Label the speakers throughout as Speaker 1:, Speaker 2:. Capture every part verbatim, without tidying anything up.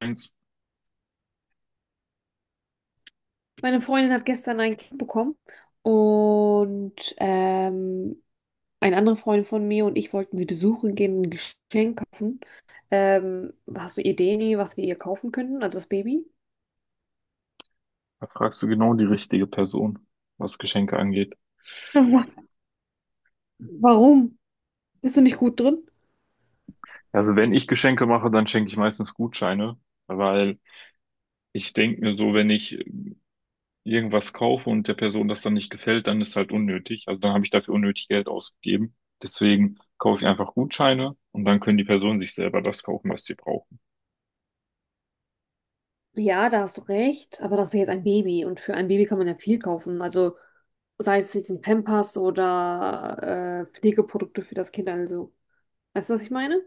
Speaker 1: Thanks.
Speaker 2: Meine Freundin hat gestern ein Kind bekommen und ähm, eine andere Freundin von mir und ich wollten sie besuchen gehen und ein Geschenk kaufen. Ähm, hast du Ideen, was wir ihr kaufen könnten, also das Baby?
Speaker 1: Da fragst du genau die richtige Person, was Geschenke angeht.
Speaker 2: Wa- Warum? Bist du nicht gut drin?
Speaker 1: Also wenn ich Geschenke mache, dann schenke ich meistens Gutscheine, weil ich denke mir so, wenn ich irgendwas kaufe und der Person das dann nicht gefällt, dann ist halt unnötig. Also dann habe ich dafür unnötig Geld ausgegeben. Deswegen kaufe ich einfach Gutscheine und dann können die Personen sich selber das kaufen, was sie brauchen.
Speaker 2: Ja, da hast du recht, aber das ist ja jetzt ein Baby, und für ein Baby kann man ja viel kaufen. Also sei es jetzt ein Pampers oder äh, Pflegeprodukte für das Kind, also. Weißt du, was ich meine?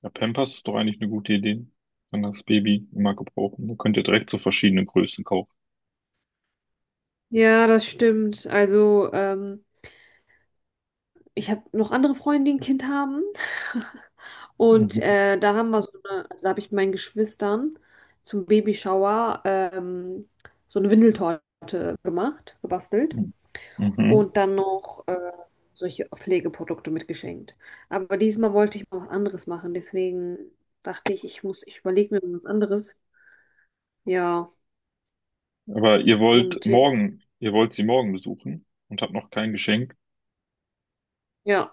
Speaker 1: Ja, Pampers ist doch eigentlich eine gute Idee. Kann das Baby immer gebrauchen. Da könnt ihr direkt so verschiedene Größen kaufen.
Speaker 2: Ja, das stimmt. Also, ähm, ich habe noch andere Freunde, die ein Kind haben. Und
Speaker 1: Mhm.
Speaker 2: äh, da haben wir so eine, also da habe ich meinen Geschwistern zum Babyshower ähm, so eine Windeltorte gemacht, gebastelt.
Speaker 1: Mhm. Mhm.
Speaker 2: Und dann noch äh, solche Pflegeprodukte mitgeschenkt. Aber diesmal wollte ich mal was anderes machen. Deswegen dachte ich, ich muss, ich überlege mir was anderes. Ja,
Speaker 1: Aber ihr wollt
Speaker 2: und jetzt,
Speaker 1: morgen, ihr wollt sie morgen besuchen und habt noch kein Geschenk.
Speaker 2: ja,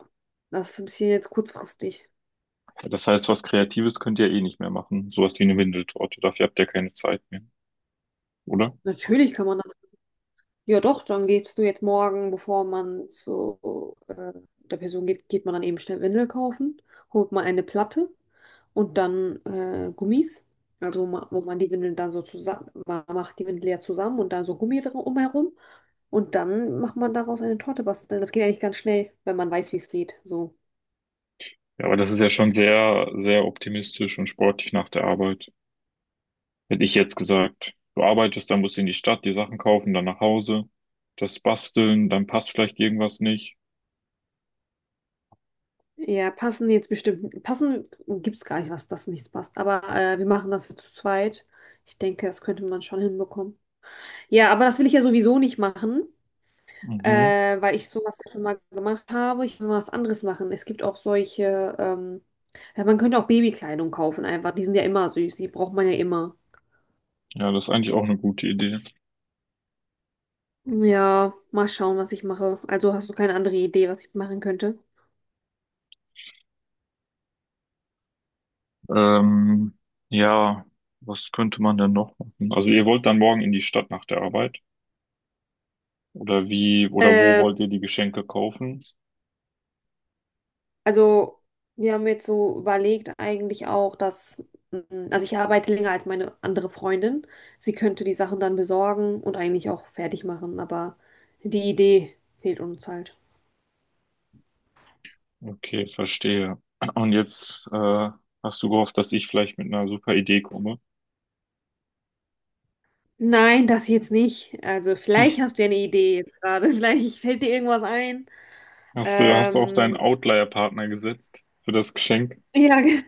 Speaker 2: das ist ein bisschen jetzt kurzfristig.
Speaker 1: Das heißt, was Kreatives könnt ihr eh nicht mehr machen. Sowas wie eine Windeltorte. Dafür habt ihr keine Zeit mehr, oder?
Speaker 2: Natürlich kann man. Ja, doch, dann gehst du jetzt morgen, bevor man zu äh, der Person geht, geht man dann eben schnell Windel kaufen, holt mal eine Platte und dann äh, Gummis. Also ma- wo man die Windeln dann so zusammen, man macht die Windel ja zusammen und dann so Gummi drum umherum. Und dann macht man daraus eine Torte basteln. Das geht eigentlich ganz schnell, wenn man weiß, wie es geht. So.
Speaker 1: Ja, aber das ist ja schon sehr, sehr optimistisch und sportlich nach der Arbeit. Hätte ich jetzt gesagt, du arbeitest, dann musst du in die Stadt, die Sachen kaufen, dann nach Hause, das basteln, dann passt vielleicht irgendwas nicht.
Speaker 2: Ja, passen jetzt bestimmt. Passen gibt es gar nicht, was das nichts passt. Aber äh, wir machen das zu zweit. Ich denke, das könnte man schon hinbekommen. Ja, aber das will ich ja sowieso nicht machen.
Speaker 1: Mhm.
Speaker 2: Äh, weil ich sowas ja schon mal gemacht habe. Ich will mal was anderes machen. Es gibt auch solche, ähm, ja, man könnte auch Babykleidung kaufen einfach. Die sind ja immer süß, die braucht man ja immer.
Speaker 1: Ja, das ist eigentlich auch eine gute Idee.
Speaker 2: Ja, mal schauen, was ich mache. Also hast du keine andere Idee, was ich machen könnte?
Speaker 1: Ähm, ja, was könnte man denn noch machen? Also ihr wollt dann morgen in die Stadt nach der Arbeit. Oder wie, oder wo
Speaker 2: Ähm,
Speaker 1: wollt ihr die Geschenke kaufen?
Speaker 2: also wir haben jetzt so überlegt eigentlich auch, dass, mm, also ich arbeite länger als meine andere Freundin. Sie könnte die Sachen dann besorgen und eigentlich auch fertig machen, aber die Idee fehlt uns halt.
Speaker 1: Okay, verstehe. Und jetzt äh, hast du gehofft, dass ich vielleicht mit einer super Idee komme.
Speaker 2: Nein, das jetzt nicht. Also vielleicht hast du ja eine Idee jetzt gerade. Vielleicht fällt dir irgendwas ein.
Speaker 1: Hast du, hast du auf deinen
Speaker 2: Ähm,
Speaker 1: Outlier-Partner gesetzt für das Geschenk?
Speaker 2: ja, ge-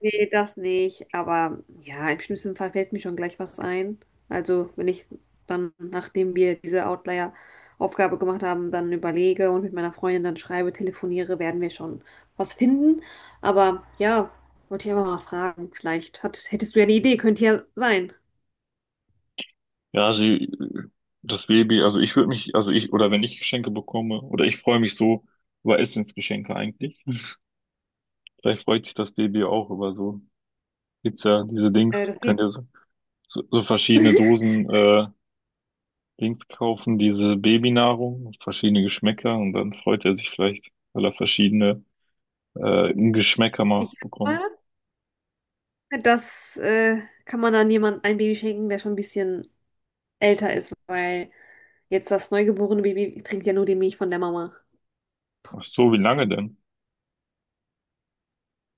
Speaker 2: nee, das nicht. Aber ja, im schlimmsten Fall fällt mir schon gleich was ein. Also wenn ich dann, nachdem wir diese Outlier-Aufgabe gemacht haben, dann überlege und mit meiner Freundin dann schreibe, telefoniere, werden wir schon was finden. Aber ja, wollte ich einfach mal fragen. Vielleicht hat, hättest du ja eine Idee, könnte ja sein.
Speaker 1: Ja, sie, das Baby, also ich würde mich, also ich, oder wenn ich Geschenke bekomme, oder ich freue mich so über Essensgeschenke eigentlich. Vielleicht freut sich das Baby auch über so, gibt's ja diese
Speaker 2: Äh,
Speaker 1: Dings,
Speaker 2: das,
Speaker 1: könnt ihr so, so, so verschiedene Dosen, äh, Dings kaufen, diese Babynahrung, verschiedene Geschmäcker und dann freut er sich vielleicht, weil er verschiedene äh, Geschmäcker
Speaker 2: ich,
Speaker 1: mal bekommt.
Speaker 2: Das äh, kann man dann jemand ein Baby schenken, der schon ein bisschen älter ist, weil jetzt das neugeborene Baby trinkt ja nur die Milch von der Mama.
Speaker 1: Ach so, wie lange denn?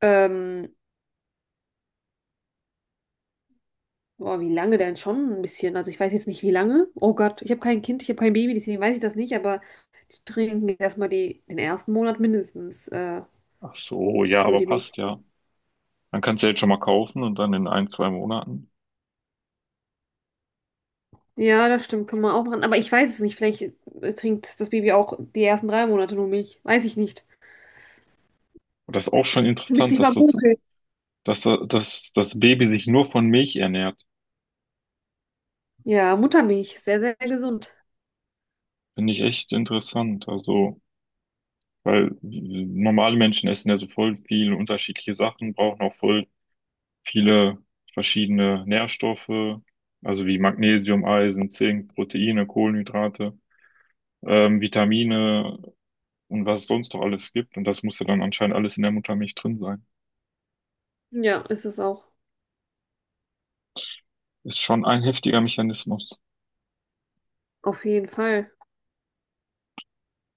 Speaker 2: Ähm, Boah, wie lange denn schon? Ein bisschen. Also ich weiß jetzt nicht, wie lange. Oh Gott, ich habe kein Kind, ich habe kein Baby, deswegen weiß ich das nicht, aber die trinken jetzt erstmal die, den ersten Monat mindestens äh,
Speaker 1: Ach so, ja,
Speaker 2: nur
Speaker 1: aber
Speaker 2: die Milch.
Speaker 1: passt ja. Dann kannst du ja jetzt schon mal kaufen und dann in ein, zwei Monaten.
Speaker 2: Ja, das stimmt, kann man auch machen. Aber ich weiß es nicht. Vielleicht äh, trinkt das Baby auch die ersten drei Monate nur Milch. Weiß ich nicht.
Speaker 1: Und das ist auch schon
Speaker 2: Müsste
Speaker 1: interessant,
Speaker 2: ich
Speaker 1: dass
Speaker 2: mal
Speaker 1: das,
Speaker 2: googeln.
Speaker 1: dass, da- dass das Baby sich nur von Milch ernährt.
Speaker 2: Ja, Muttermilch, sehr, sehr gesund.
Speaker 1: Finde ich echt interessant. Also, weil normale Menschen essen ja so voll viele unterschiedliche Sachen, brauchen auch voll viele verschiedene Nährstoffe, also wie Magnesium, Eisen, Zink, Proteine, Kohlenhydrate, ähm, Vitamine und was es sonst noch alles gibt. Und das muss ja dann anscheinend alles in der Muttermilch drin sein.
Speaker 2: Ja, ist es auch.
Speaker 1: Ist schon ein heftiger Mechanismus.
Speaker 2: Auf jeden Fall.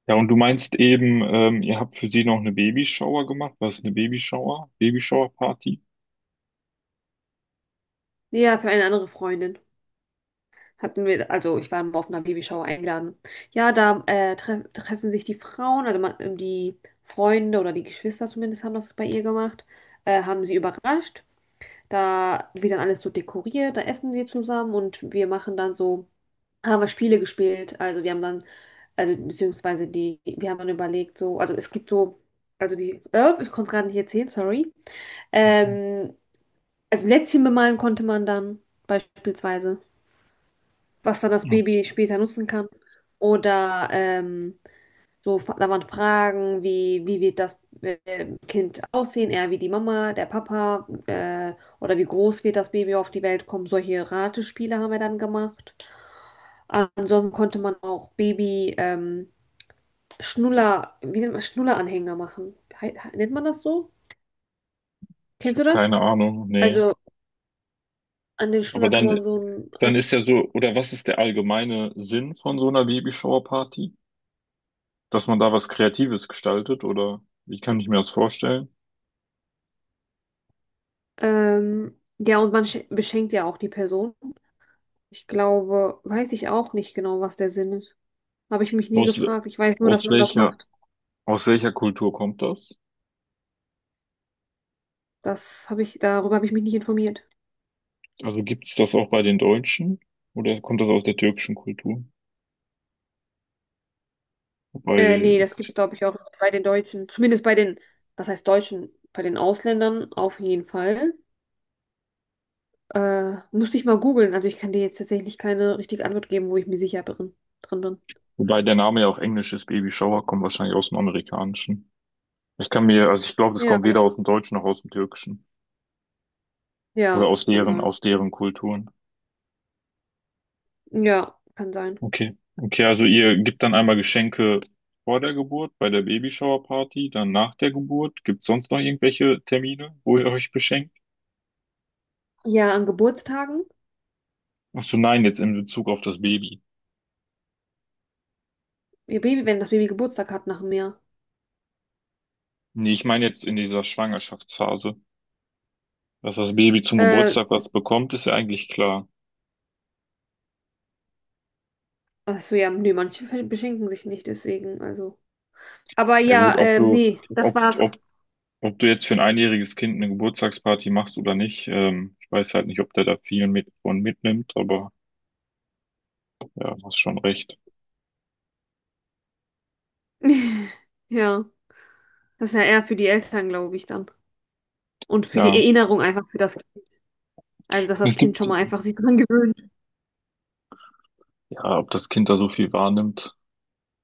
Speaker 1: Ja, und du meinst eben, ähm, ihr habt für sie noch eine Babyshower gemacht. Was ist eine Babyshower? Babyshower-Party?
Speaker 2: Ja, für eine andere Freundin. Hatten wir, also ich war mal auf einer Babyshower eingeladen. Ja, da äh, tref treffen sich die Frauen, also man, ähm, die Freunde oder die Geschwister zumindest haben das bei ihr gemacht, äh, haben sie überrascht. Da wird dann alles so dekoriert, da essen wir zusammen und wir machen dann so, haben wir Spiele gespielt. Also wir haben dann, also beziehungsweise die, wir haben dann überlegt, so, also es gibt so, also die, äh, ich konnte es gerade nicht erzählen, sorry.
Speaker 1: Mhm.
Speaker 2: Ähm, Also Lätzchen bemalen konnte man dann beispielsweise, was dann das
Speaker 1: Und
Speaker 2: Baby später nutzen kann. Oder ähm, so, fa- da waren Fragen wie, wie wird das äh, Kind aussehen, eher wie die Mama, der Papa, äh, oder wie groß wird das Baby auf die Welt kommen. Solche Ratespiele haben wir dann gemacht. Ansonsten konnte man auch Baby ähm, Schnuller, wie nennt man, Schnulleranhänger machen. He- he- Nennt man das so?
Speaker 1: ich
Speaker 2: Kennst du
Speaker 1: habe
Speaker 2: das?
Speaker 1: keine Ahnung, nee.
Speaker 2: Also an den
Speaker 1: Aber
Speaker 2: Schnuller kann
Speaker 1: dann,
Speaker 2: man so einen.
Speaker 1: dann ist ja so, oder was ist der allgemeine Sinn von so einer Babyshower-Party? Dass man da was Kreatives gestaltet oder wie kann ich mir das vorstellen?
Speaker 2: Ähm, ja, und man schen- beschenkt ja auch die Person. Ich glaube, weiß ich auch nicht genau, was der Sinn ist. Habe ich mich nie
Speaker 1: Aus,
Speaker 2: gefragt. Ich weiß nur, dass
Speaker 1: aus
Speaker 2: man das
Speaker 1: welcher,
Speaker 2: macht.
Speaker 1: aus welcher Kultur kommt das?
Speaker 2: Das habe ich, darüber habe ich mich nicht informiert.
Speaker 1: Also gibt es das auch bei den Deutschen oder kommt das aus der türkischen Kultur?
Speaker 2: Äh,
Speaker 1: Wobei,
Speaker 2: nee, das gibt's,
Speaker 1: ich-
Speaker 2: glaube ich, auch bei den Deutschen. Zumindest bei den, was heißt Deutschen? Bei den Ausländern auf jeden Fall. Äh, musste ich mal googeln. Also ich kann dir jetzt tatsächlich keine richtige Antwort geben, wo ich mir sicher drin, drin bin.
Speaker 1: wobei der Name ja auch englisch ist, Baby Shower, kommt wahrscheinlich aus dem Amerikanischen. Ich kann mir, also ich glaube, das
Speaker 2: Ja,
Speaker 1: kommt weder aus dem Deutschen noch aus dem Türkischen oder
Speaker 2: ja,
Speaker 1: aus
Speaker 2: kann
Speaker 1: deren,
Speaker 2: sein.
Speaker 1: aus deren Kulturen.
Speaker 2: Ja, kann sein.
Speaker 1: Okay. Okay, also ihr gebt dann einmal Geschenke vor der Geburt, bei der Babyshower-Party, dann nach der Geburt. Gibt es sonst noch irgendwelche Termine, wo ihr euch beschenkt?
Speaker 2: Ja, an Geburtstagen.
Speaker 1: Ach so, nein, jetzt in Bezug auf das Baby.
Speaker 2: Ihr Baby, wenn das Baby Geburtstag hat nach einem Jahr.
Speaker 1: Nee, ich meine jetzt in dieser Schwangerschaftsphase. Dass das Baby zum
Speaker 2: Äh,
Speaker 1: Geburtstag was bekommt, ist ja eigentlich klar.
Speaker 2: Ach so, ja, nee, manche ver- beschenken sich nicht, deswegen, also. Aber
Speaker 1: Ja gut,
Speaker 2: ja,
Speaker 1: ob
Speaker 2: ähm,
Speaker 1: du,
Speaker 2: nee, das
Speaker 1: ob,
Speaker 2: war's.
Speaker 1: ob, ob du jetzt für ein einjähriges Kind eine Geburtstagsparty machst oder nicht, ähm, ich weiß halt nicht, ob der da viel mit von mitnimmt, aber ja, du hast schon recht.
Speaker 2: Ja, das ist ja eher für die Eltern, glaube ich, dann. Und für die
Speaker 1: Ja.
Speaker 2: Erinnerung einfach für das Kind. Also, dass das
Speaker 1: Es
Speaker 2: Kind
Speaker 1: gibt,
Speaker 2: schon mal einfach sich dran gewöhnt.
Speaker 1: ja, ob das Kind da so viel wahrnimmt.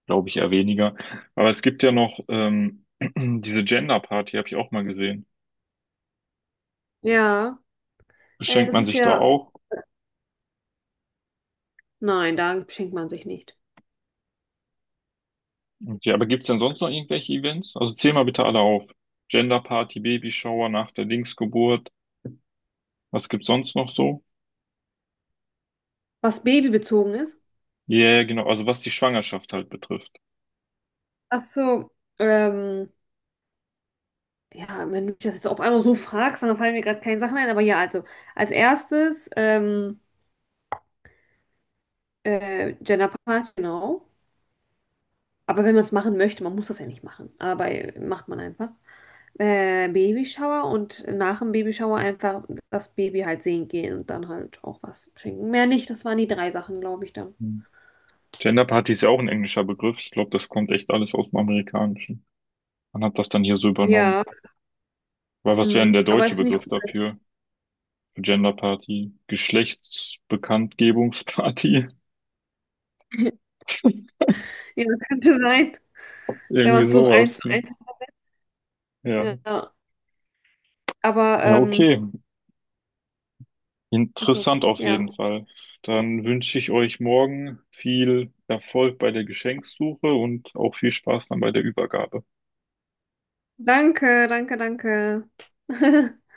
Speaker 1: Glaube ich eher weniger. Aber es gibt ja noch ähm, diese Gender Party, habe ich auch mal gesehen.
Speaker 2: Ja, äh,
Speaker 1: Beschenkt
Speaker 2: das
Speaker 1: man
Speaker 2: ist
Speaker 1: sich da
Speaker 2: ja.
Speaker 1: auch?
Speaker 2: Nein, da beschenkt man sich nicht.
Speaker 1: Okay, aber gibt es denn sonst noch irgendwelche Events? Also zähl mal bitte alle auf. Gender Party, Babyshower nach der Linksgeburt. Was gibt's sonst noch so?
Speaker 2: Was babybezogen ist.
Speaker 1: Ja, yeah, genau. Also was die Schwangerschaft halt betrifft.
Speaker 2: Ach so, ähm, ja, wenn du mich das jetzt auf einmal so fragst, dann fallen mir gerade keine Sachen ein. Aber ja, also, als erstes, ähm, äh, Gender Party, genau. Aber wenn man es machen möchte, man muss das ja nicht machen. Aber äh, macht man einfach. Äh, Babyshower und nach dem Babyshower einfach das Baby halt sehen gehen und dann halt auch was schenken. Mehr nicht, das waren die drei Sachen, glaube ich, dann.
Speaker 1: Hm. Gender Party ist ja auch ein englischer Begriff. Ich glaube, das kommt echt alles aus dem Amerikanischen. Man hat das dann hier so übernommen.
Speaker 2: Ja,
Speaker 1: Weil was wäre denn
Speaker 2: mhm.
Speaker 1: der
Speaker 2: Aber
Speaker 1: deutsche
Speaker 2: das finde ich
Speaker 1: Begriff
Speaker 2: gut.
Speaker 1: dafür? Für Gender Party? Geschlechtsbekanntgebungsparty?
Speaker 2: Ja, könnte sein, wenn man
Speaker 1: Irgendwie
Speaker 2: es so eins
Speaker 1: sowas,
Speaker 2: zu
Speaker 1: ne?
Speaker 2: eins.
Speaker 1: Ja.
Speaker 2: Ja, aber,
Speaker 1: Ja,
Speaker 2: ähm,
Speaker 1: okay.
Speaker 2: achso,
Speaker 1: Interessant auf
Speaker 2: ja.
Speaker 1: jeden Fall. Dann wünsche ich euch morgen viel Erfolg bei der Geschenksuche und auch viel Spaß dann bei der Übergabe.
Speaker 2: Danke, danke, danke.